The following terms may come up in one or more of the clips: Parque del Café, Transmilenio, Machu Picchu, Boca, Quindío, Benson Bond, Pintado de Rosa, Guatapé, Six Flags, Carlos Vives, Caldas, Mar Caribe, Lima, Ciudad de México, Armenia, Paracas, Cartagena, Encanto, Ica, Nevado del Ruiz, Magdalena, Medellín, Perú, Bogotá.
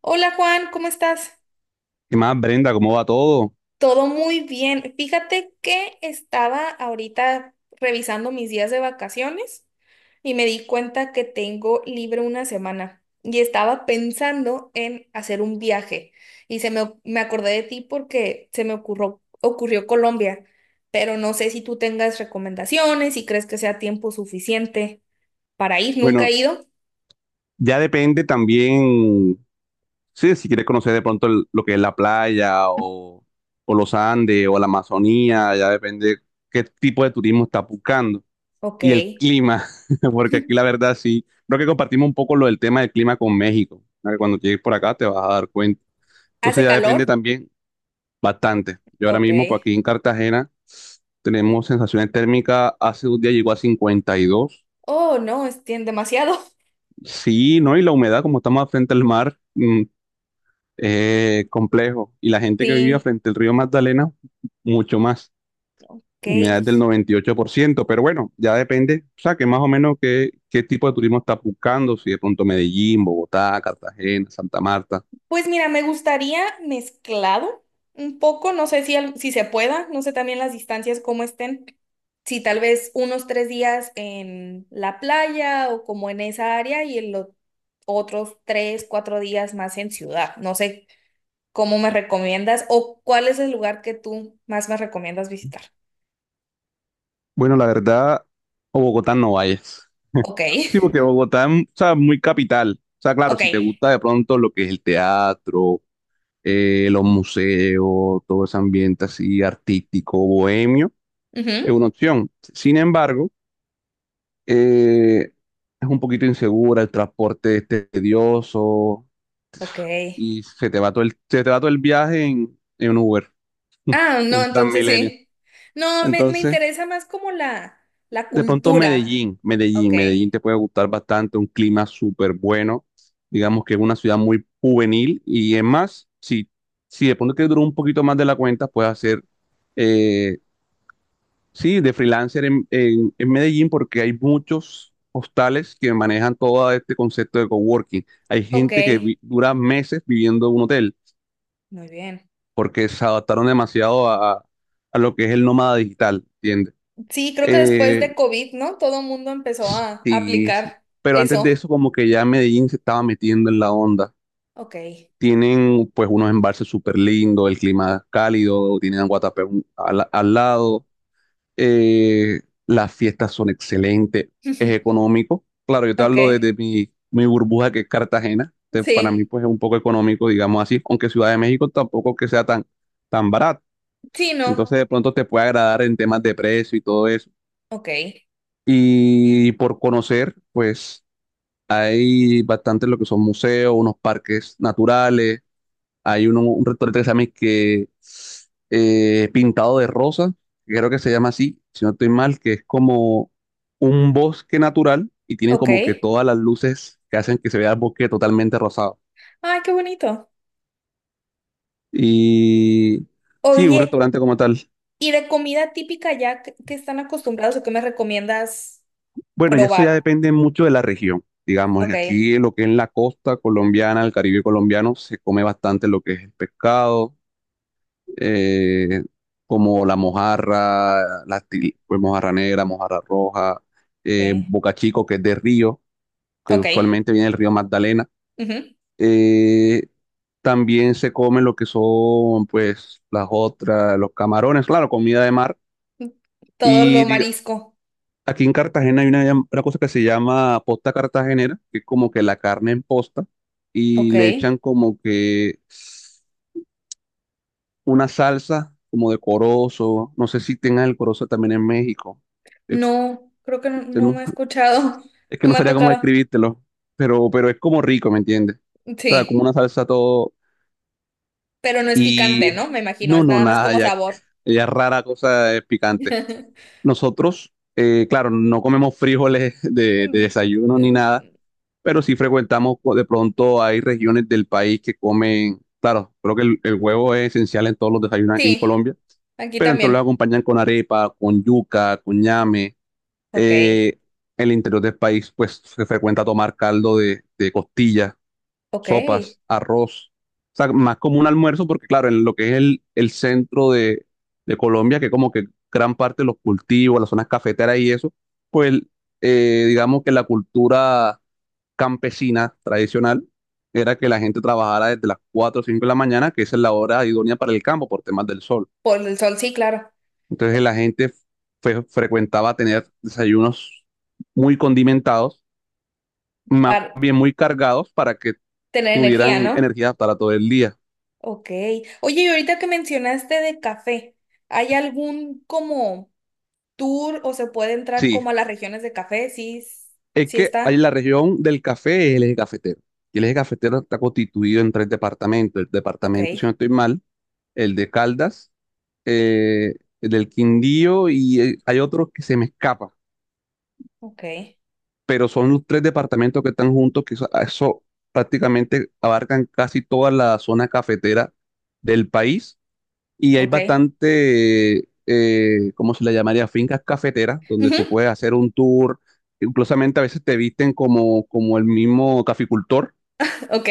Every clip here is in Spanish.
Hola Juan, ¿cómo estás? ¿Qué más, Brenda? ¿Cómo va todo? Todo muy bien. Fíjate que estaba ahorita revisando mis días de vacaciones y me di cuenta que tengo libre una semana y estaba pensando en hacer un viaje y me acordé de ti porque se me ocurrió Colombia, pero no sé si tú tengas recomendaciones, si crees que sea tiempo suficiente para ir. Nunca he Bueno, ido. ya depende también, sí, si quieres conocer de pronto lo que es la playa o los Andes o la Amazonía, ya depende qué tipo de turismo estás buscando Ok. y el clima, porque aquí la verdad sí, creo que compartimos un poco lo del tema del clima con México, ¿no? Que cuando llegues por acá te vas a dar cuenta. ¿Hace Entonces ya depende calor? también bastante. Yo ahora Ok. mismo, por aquí en Cartagena, tenemos sensaciones térmicas, hace un día llegó a 52. Oh, no, es demasiado. Sí, ¿no? Y la humedad, como estamos frente al mar, complejo. Y la gente que vivía Sí. frente al río Magdalena, mucho más. Ok, Humedad es del 98%, pero bueno, ya depende, o sea, que más o menos qué tipo de turismo estás buscando, si de pronto Medellín, Bogotá, Cartagena, Santa Marta. pues mira, me gustaría mezclado un poco, no sé si, si se pueda, no sé también las distancias cómo estén, si tal vez unos 3 días en la playa o como en esa área y en los otros 3, 4 días más en ciudad, no sé cómo me recomiendas o cuál es el lugar que tú más me recomiendas visitar. Bueno, la verdad, a Bogotá no vayas. Ok, Sí, porque Bogotá es, o sea, muy capital. O sea, claro, ok, si te gusta de pronto lo que es el teatro, los museos, todo ese ambiente así artístico, bohemio. Es ujú, una opción. Sin embargo, eh, es un poquito insegura, el transporte es tedioso ok. y se te va todo el, se te va todo el viaje en un Uber Ah, o no, en entonces Transmilenio. sí. No, me Entonces, interesa más como la de pronto cultura. Medellín, Ok, Medellín, Medellín te puede gustar bastante, un clima súper bueno. Digamos que es una ciudad muy juvenil y es más, si de pronto te dura un poquito más de la cuenta, puedes hacer eh, sí, de freelancer en Medellín porque hay muchos hostales que manejan todo este concepto de coworking. Hay ok, gente que dura meses viviendo en un hotel muy bien. porque se adaptaron demasiado a lo que es el nómada digital, ¿entiendes? Sí, creo que después Eh, de COVID, ¿no? Todo el mundo empezó a sí, sí. aplicar Pero antes de eso. eso como que ya Medellín se estaba metiendo en la onda. Ok, Tienen pues unos embalses súper lindos, el clima cálido, tienen a Guatapé al lado. eh, las fiestas son excelentes, es económico. Claro, yo te ok, hablo desde mi burbuja que es Cartagena. Entonces, para mí, sí, pues es un poco económico, digamos así, aunque Ciudad de México tampoco que sea tan, tan barato. sí, Entonces, no. de pronto te puede agradar en temas de precio y todo eso. Ok, Y por conocer, pues hay bastante lo que son museos, unos parques naturales hay uno, un restaurante que se llama y que, Pintado de Rosa, que creo que se llama así, si no estoy mal, que es como un bosque natural y tienen ok. como que todas las luces que hacen que se vea el bosque totalmente rosado. Ay, qué bonito. Y sí, un Oye, restaurante como tal. ¿y de comida típica ya que están acostumbrados o qué me recomiendas Bueno, y eso ya probar? depende mucho de la región. Digamos, Ok, aquí lo que es la costa colombiana, el Caribe colombiano, se come bastante lo que es el pescado eh, como la mojarra, pues, mojarra negra, mojarra roja, ok, bocachico, que es de río, que ok. usualmente viene del río Magdalena. Ujú. Eh, También se comen lo que son, pues, las otras, los camarones, claro, comida de mar. Todo lo Y diga- marisco. Aquí en Cartagena hay una cosa que se llama posta cartagenera, que es como que la carne en posta, y Ok. le echan como que una salsa como de corozo. No sé si tengan el corozo también en México. Eh, No, creo que no, eh, no me no- ha escuchado. es que No no me ha sabría cómo tocado. describírtelo, pero es como rico, ¿me entiendes? O sea, como Sí, una salsa todo. pero no es picante, Y ¿no? Me imagino, no, es no, nada más nada, como ya, sabor. ya rara cosa es picante. Nosotros, claro, no comemos frijoles de Mm, desayuno ni mm, nada, pero sí frecuentamos, pues, de pronto hay regiones del país que comen, claro, creo que el huevo es esencial en todos los desayunos aquí en sí, Colombia, aquí pero entonces lo también. acompañan con arepa, con yuca, con ñame. Ok, Eh, el interior del país, pues se frecuenta tomar caldo de costillas, ok. sopas, arroz. O sea, más como un almuerzo, porque claro, en lo que es el centro de Colombia, que como que gran parte de los cultivos, las zonas cafeteras y eso, pues digamos que la cultura campesina tradicional era que la gente trabajara desde las 4 o 5 de la mañana, que esa es la hora idónea para el campo por temas del sol. Por el sol, sí, claro. Entonces la gente frecuentaba tener desayunos muy condimentados, más Para bien muy cargados para que tener energía, tuvieran ¿no? energía para todo el día. Ok. Oye, y ahorita que mencionaste de café, ¿hay algún como tour o se puede entrar Sí, como a las regiones de café? Sí, es sí que hay, está. la región del café es el eje cafetero. Y el eje cafetero está constituido en tres departamentos. El Ok, departamento, si no estoy mal, el de Caldas, eh, el del Quindío y hay otro que se me escapa. ok. Pero son los tres departamentos que están juntos, que eso prácticamente abarcan casi toda la zona cafetera del país y hay Ok. bastante, ¿cómo se le llamaría? Fincas cafeteras donde tú Ujú, puedes hacer un tour, inclusivamente a veces te visten como el mismo caficultor, ok.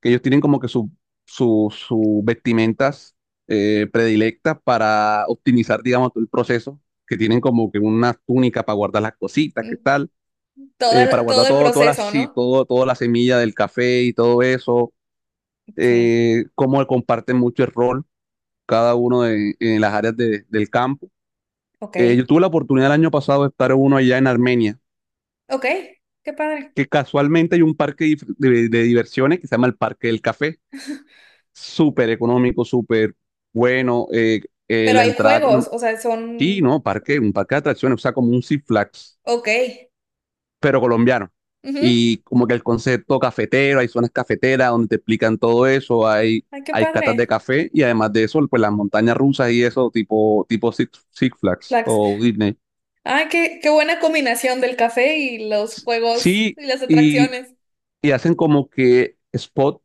que ellos tienen como que sus vestimentas predilectas para optimizar, digamos, todo el proceso, que tienen como que una túnica para guardar las cositas, Mm, ¿qué tal? Para toda, todo guardar el todo, toda la, proceso, sí, ¿no? todo, toda la semilla del café y todo eso, Sí. Cómo comparten mucho el rol cada uno de, en las áreas del campo. Ok. Yo tuve la oportunidad el año pasado de estar en uno allá en Armenia, Ok. Qué padre. que casualmente hay un parque de diversiones que se llama el Parque del Café, súper económico, súper bueno, Pero la hay entrada, juegos, no, o sea, sí, son... no, parque, un parque de atracciones, o sea, como un Six Flags Ok. pero colombiano. Ujú. Y como que el concepto cafetero, hay zonas cafeteras donde te explican todo eso, hay, Ay, qué hay catas de padre. café y además de eso, pues las montañas rusas y eso, tipo Six Flags Flax. o Disney. Ay, qué buena combinación del café y los juegos Sí, y las y, atracciones. y hacen como que spots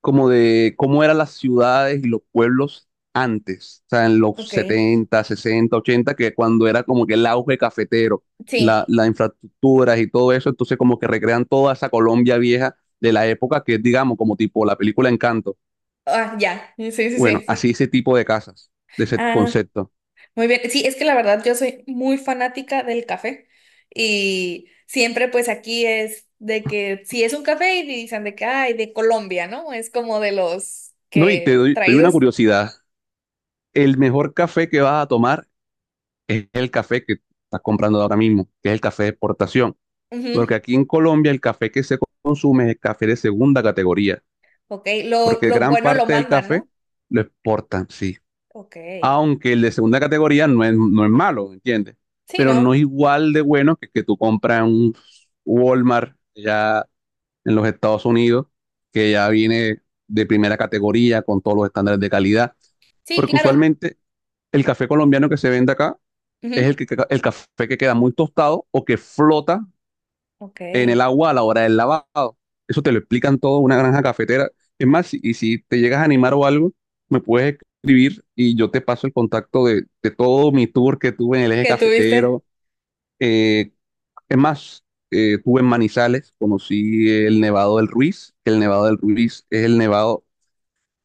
como de cómo eran las ciudades y los pueblos antes, o sea, en los Ok. 70, 60, 80, que cuando era como que el auge cafetero, la, Sí. las infraestructuras y todo eso, entonces como que recrean toda esa Colombia vieja de la época que es, digamos, como tipo la película Encanto. Ah, ya. Sí, sí, sí, Bueno, sí. así ese tipo de casas, de ese Ah. concepto. Muy bien, sí, es que la verdad yo soy muy fanática del café y siempre pues aquí es de que si es un café y dicen de que, ay, de Colombia, ¿no? Es como de los No, y te que doy, te doy una traídos. curiosidad. El mejor café que vas a tomar es el café que estás comprando ahora mismo, que es el café de exportación. Porque Ujú, aquí en Colombia el café que se consume es el café de segunda categoría, ok, lo, porque lo gran bueno lo parte del mandan, café ¿no? lo exportan, sí. Ok, Aunque el de segunda categoría no es malo, ¿entiendes? sí, Pero no es ¿no? igual de bueno que tú compras en un Walmart ya en los Estados Unidos, que ya viene de primera categoría con todos los estándares de calidad, Sí, porque claro. usualmente el café colombiano que se vende acá es Ujú, el café que queda muy tostado o que flota ok, en el ¿qué agua a la hora del lavado. Eso te lo explican todo una granja cafetera. Es más, y si te llegas a animar o algo, me puedes escribir y yo te paso el contacto de todo mi tour que tuve en el eje tuviste? cafetero. Eh, es más, tuve en Manizales, conocí el Nevado del Ruiz, que el Nevado del Ruiz es el nevado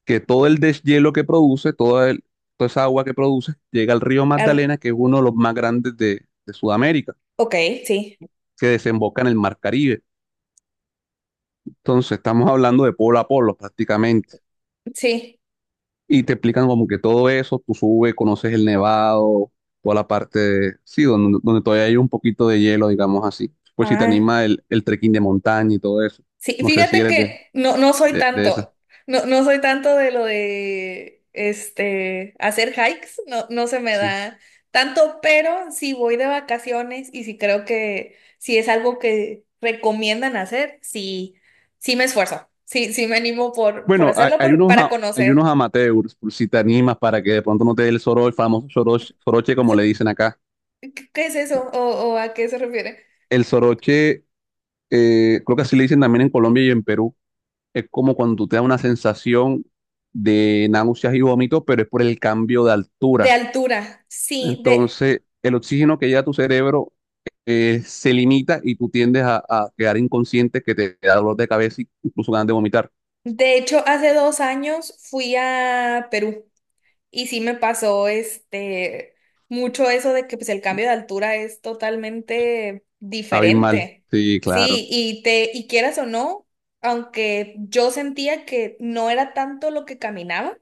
que todo el deshielo que produce, toda esa agua que produce, llega al río Ar- Magdalena, que es uno de los más grandes de Sudamérica, ok, sí, que desemboca en el Mar Caribe. Entonces, estamos hablando de polo a polo prácticamente. sí. Y te explican como que todo eso, tú subes, conoces el nevado, toda la parte, sí, donde todavía hay un poquito de hielo, digamos así. Pues si te Ah. anima el trekking de montaña y todo eso. Sí, No sé si fíjate eres de, que no, no soy de, de esas. tanto, no, no soy tanto de lo de este hacer hikes, no, no se me Sí. da tanto, pero si voy de vacaciones y si creo que si es algo que recomiendan hacer, sí, sí me esfuerzo, sí, sí me animo por Bueno, hay, hacerlo hay unos, para a- hay unos conocer. amateurs, por si te animas para que de pronto no te dé el soroche, el famoso soroche como So, le dicen acá. ¿qué qué es eso? O a qué se refiere? El soroche, creo que así le dicen también en Colombia y en Perú es como cuando tú te da una sensación de náuseas y vómitos, pero es por el cambio de De altura. altura, sí, Entonces, el oxígeno que llega a tu cerebro se limita y tú tiendes a quedar inconsciente, que te da dolor de cabeza y incluso ganas de vomitar. de hecho, hace 2 años fui a Perú. Y sí me pasó este mucho eso de que pues el cambio de altura es totalmente Abismal. diferente. Sí, claro. Sí, y te y quieras o no, aunque yo sentía que no era tanto lo que caminaba,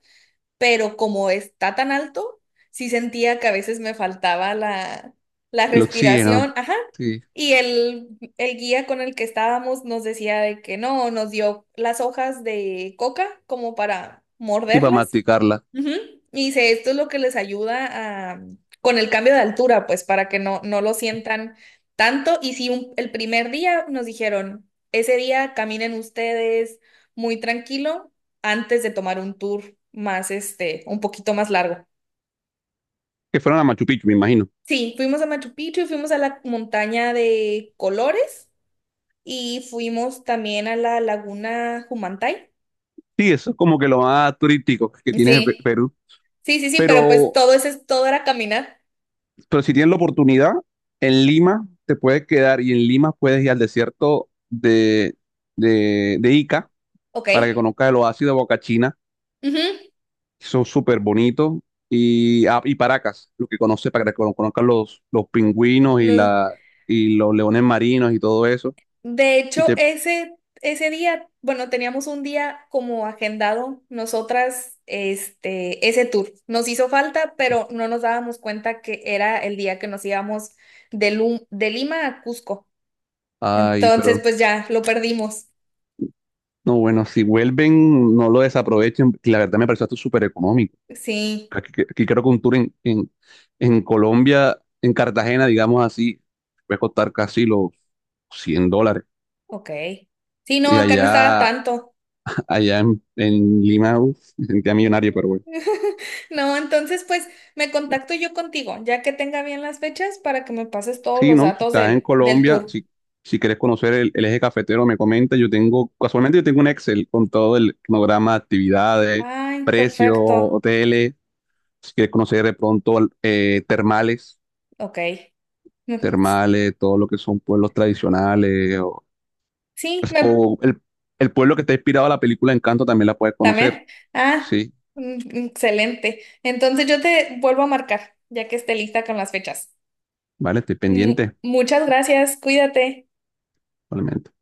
pero como está tan alto, sí sentía que a veces me faltaba la El oxígeno. respiración, ajá. Sí. Y el guía con el que estábamos nos decía de que no, nos dio las hojas de coca como para Sí, para morderlas. masticarla. Ujú. Y dice, esto es lo que les ayuda a, con el cambio de altura, pues para que no, no lo sientan tanto. Y si el primer día nos dijeron, ese día caminen ustedes muy tranquilo antes de tomar un tour más, este, un poquito más largo. Que fueron a Machu Picchu, me imagino. Sí, fuimos a Machu Picchu, fuimos a la montaña de Colores y fuimos también a la laguna Humantay. Sí, eso es como que lo más turístico que tiene Sí, Perú. sí, sí, sí, pero pues Pero todo ese todo era caminar. Pero si tienes la oportunidad, en Lima te puedes quedar y en Lima puedes ir al desierto de, de Ica Ok. para que conozcas el oasis de Boca Ujú. que son súper bonitos, y Paracas, lo que conoces, para que conozcas los pingüinos y, Los- la, y los leones marinos y todo eso. de Y hecho, te, ese día, bueno, teníamos un día como agendado nosotras, este, ese tour. Nos hizo falta, pero no nos dábamos cuenta que era el día que nos íbamos de, de Lima a Cusco. Ay, Entonces, pero pues ya, lo perdimos. no, bueno, si vuelven, no lo desaprovechen, que la verdad me pareció esto súper económico. Sí, Aquí creo que un tour en, en Colombia, en Cartagena, digamos así, puede costar casi los $100. ok. Sí, no, Y acá no estaba allá, tanto. allá en Lima, uf, me sentía millonario, pero bueno. No, entonces, pues me contacto yo contigo, ya que tenga bien las fechas, para que me pases todos Sí, los ¿no? Si datos estás en del Colombia, tour. si quieres conocer el eje cafetero, me comenta. Casualmente yo tengo un Excel con todo el cronograma, actividades, Ay, precios, perfecto. hoteles. Si quieres conocer de pronto termales, Ok. termales, todo lo que son pueblos tradicionales, Sí, o el pueblo que está inspirado a la película Encanto también la puedes conocer. también. Ah, Sí, mm, excelente. Entonces yo te vuelvo a marcar, ya que esté lista con las fechas. vale, estoy pendiente, Muchas gracias, cuídate. probablemente.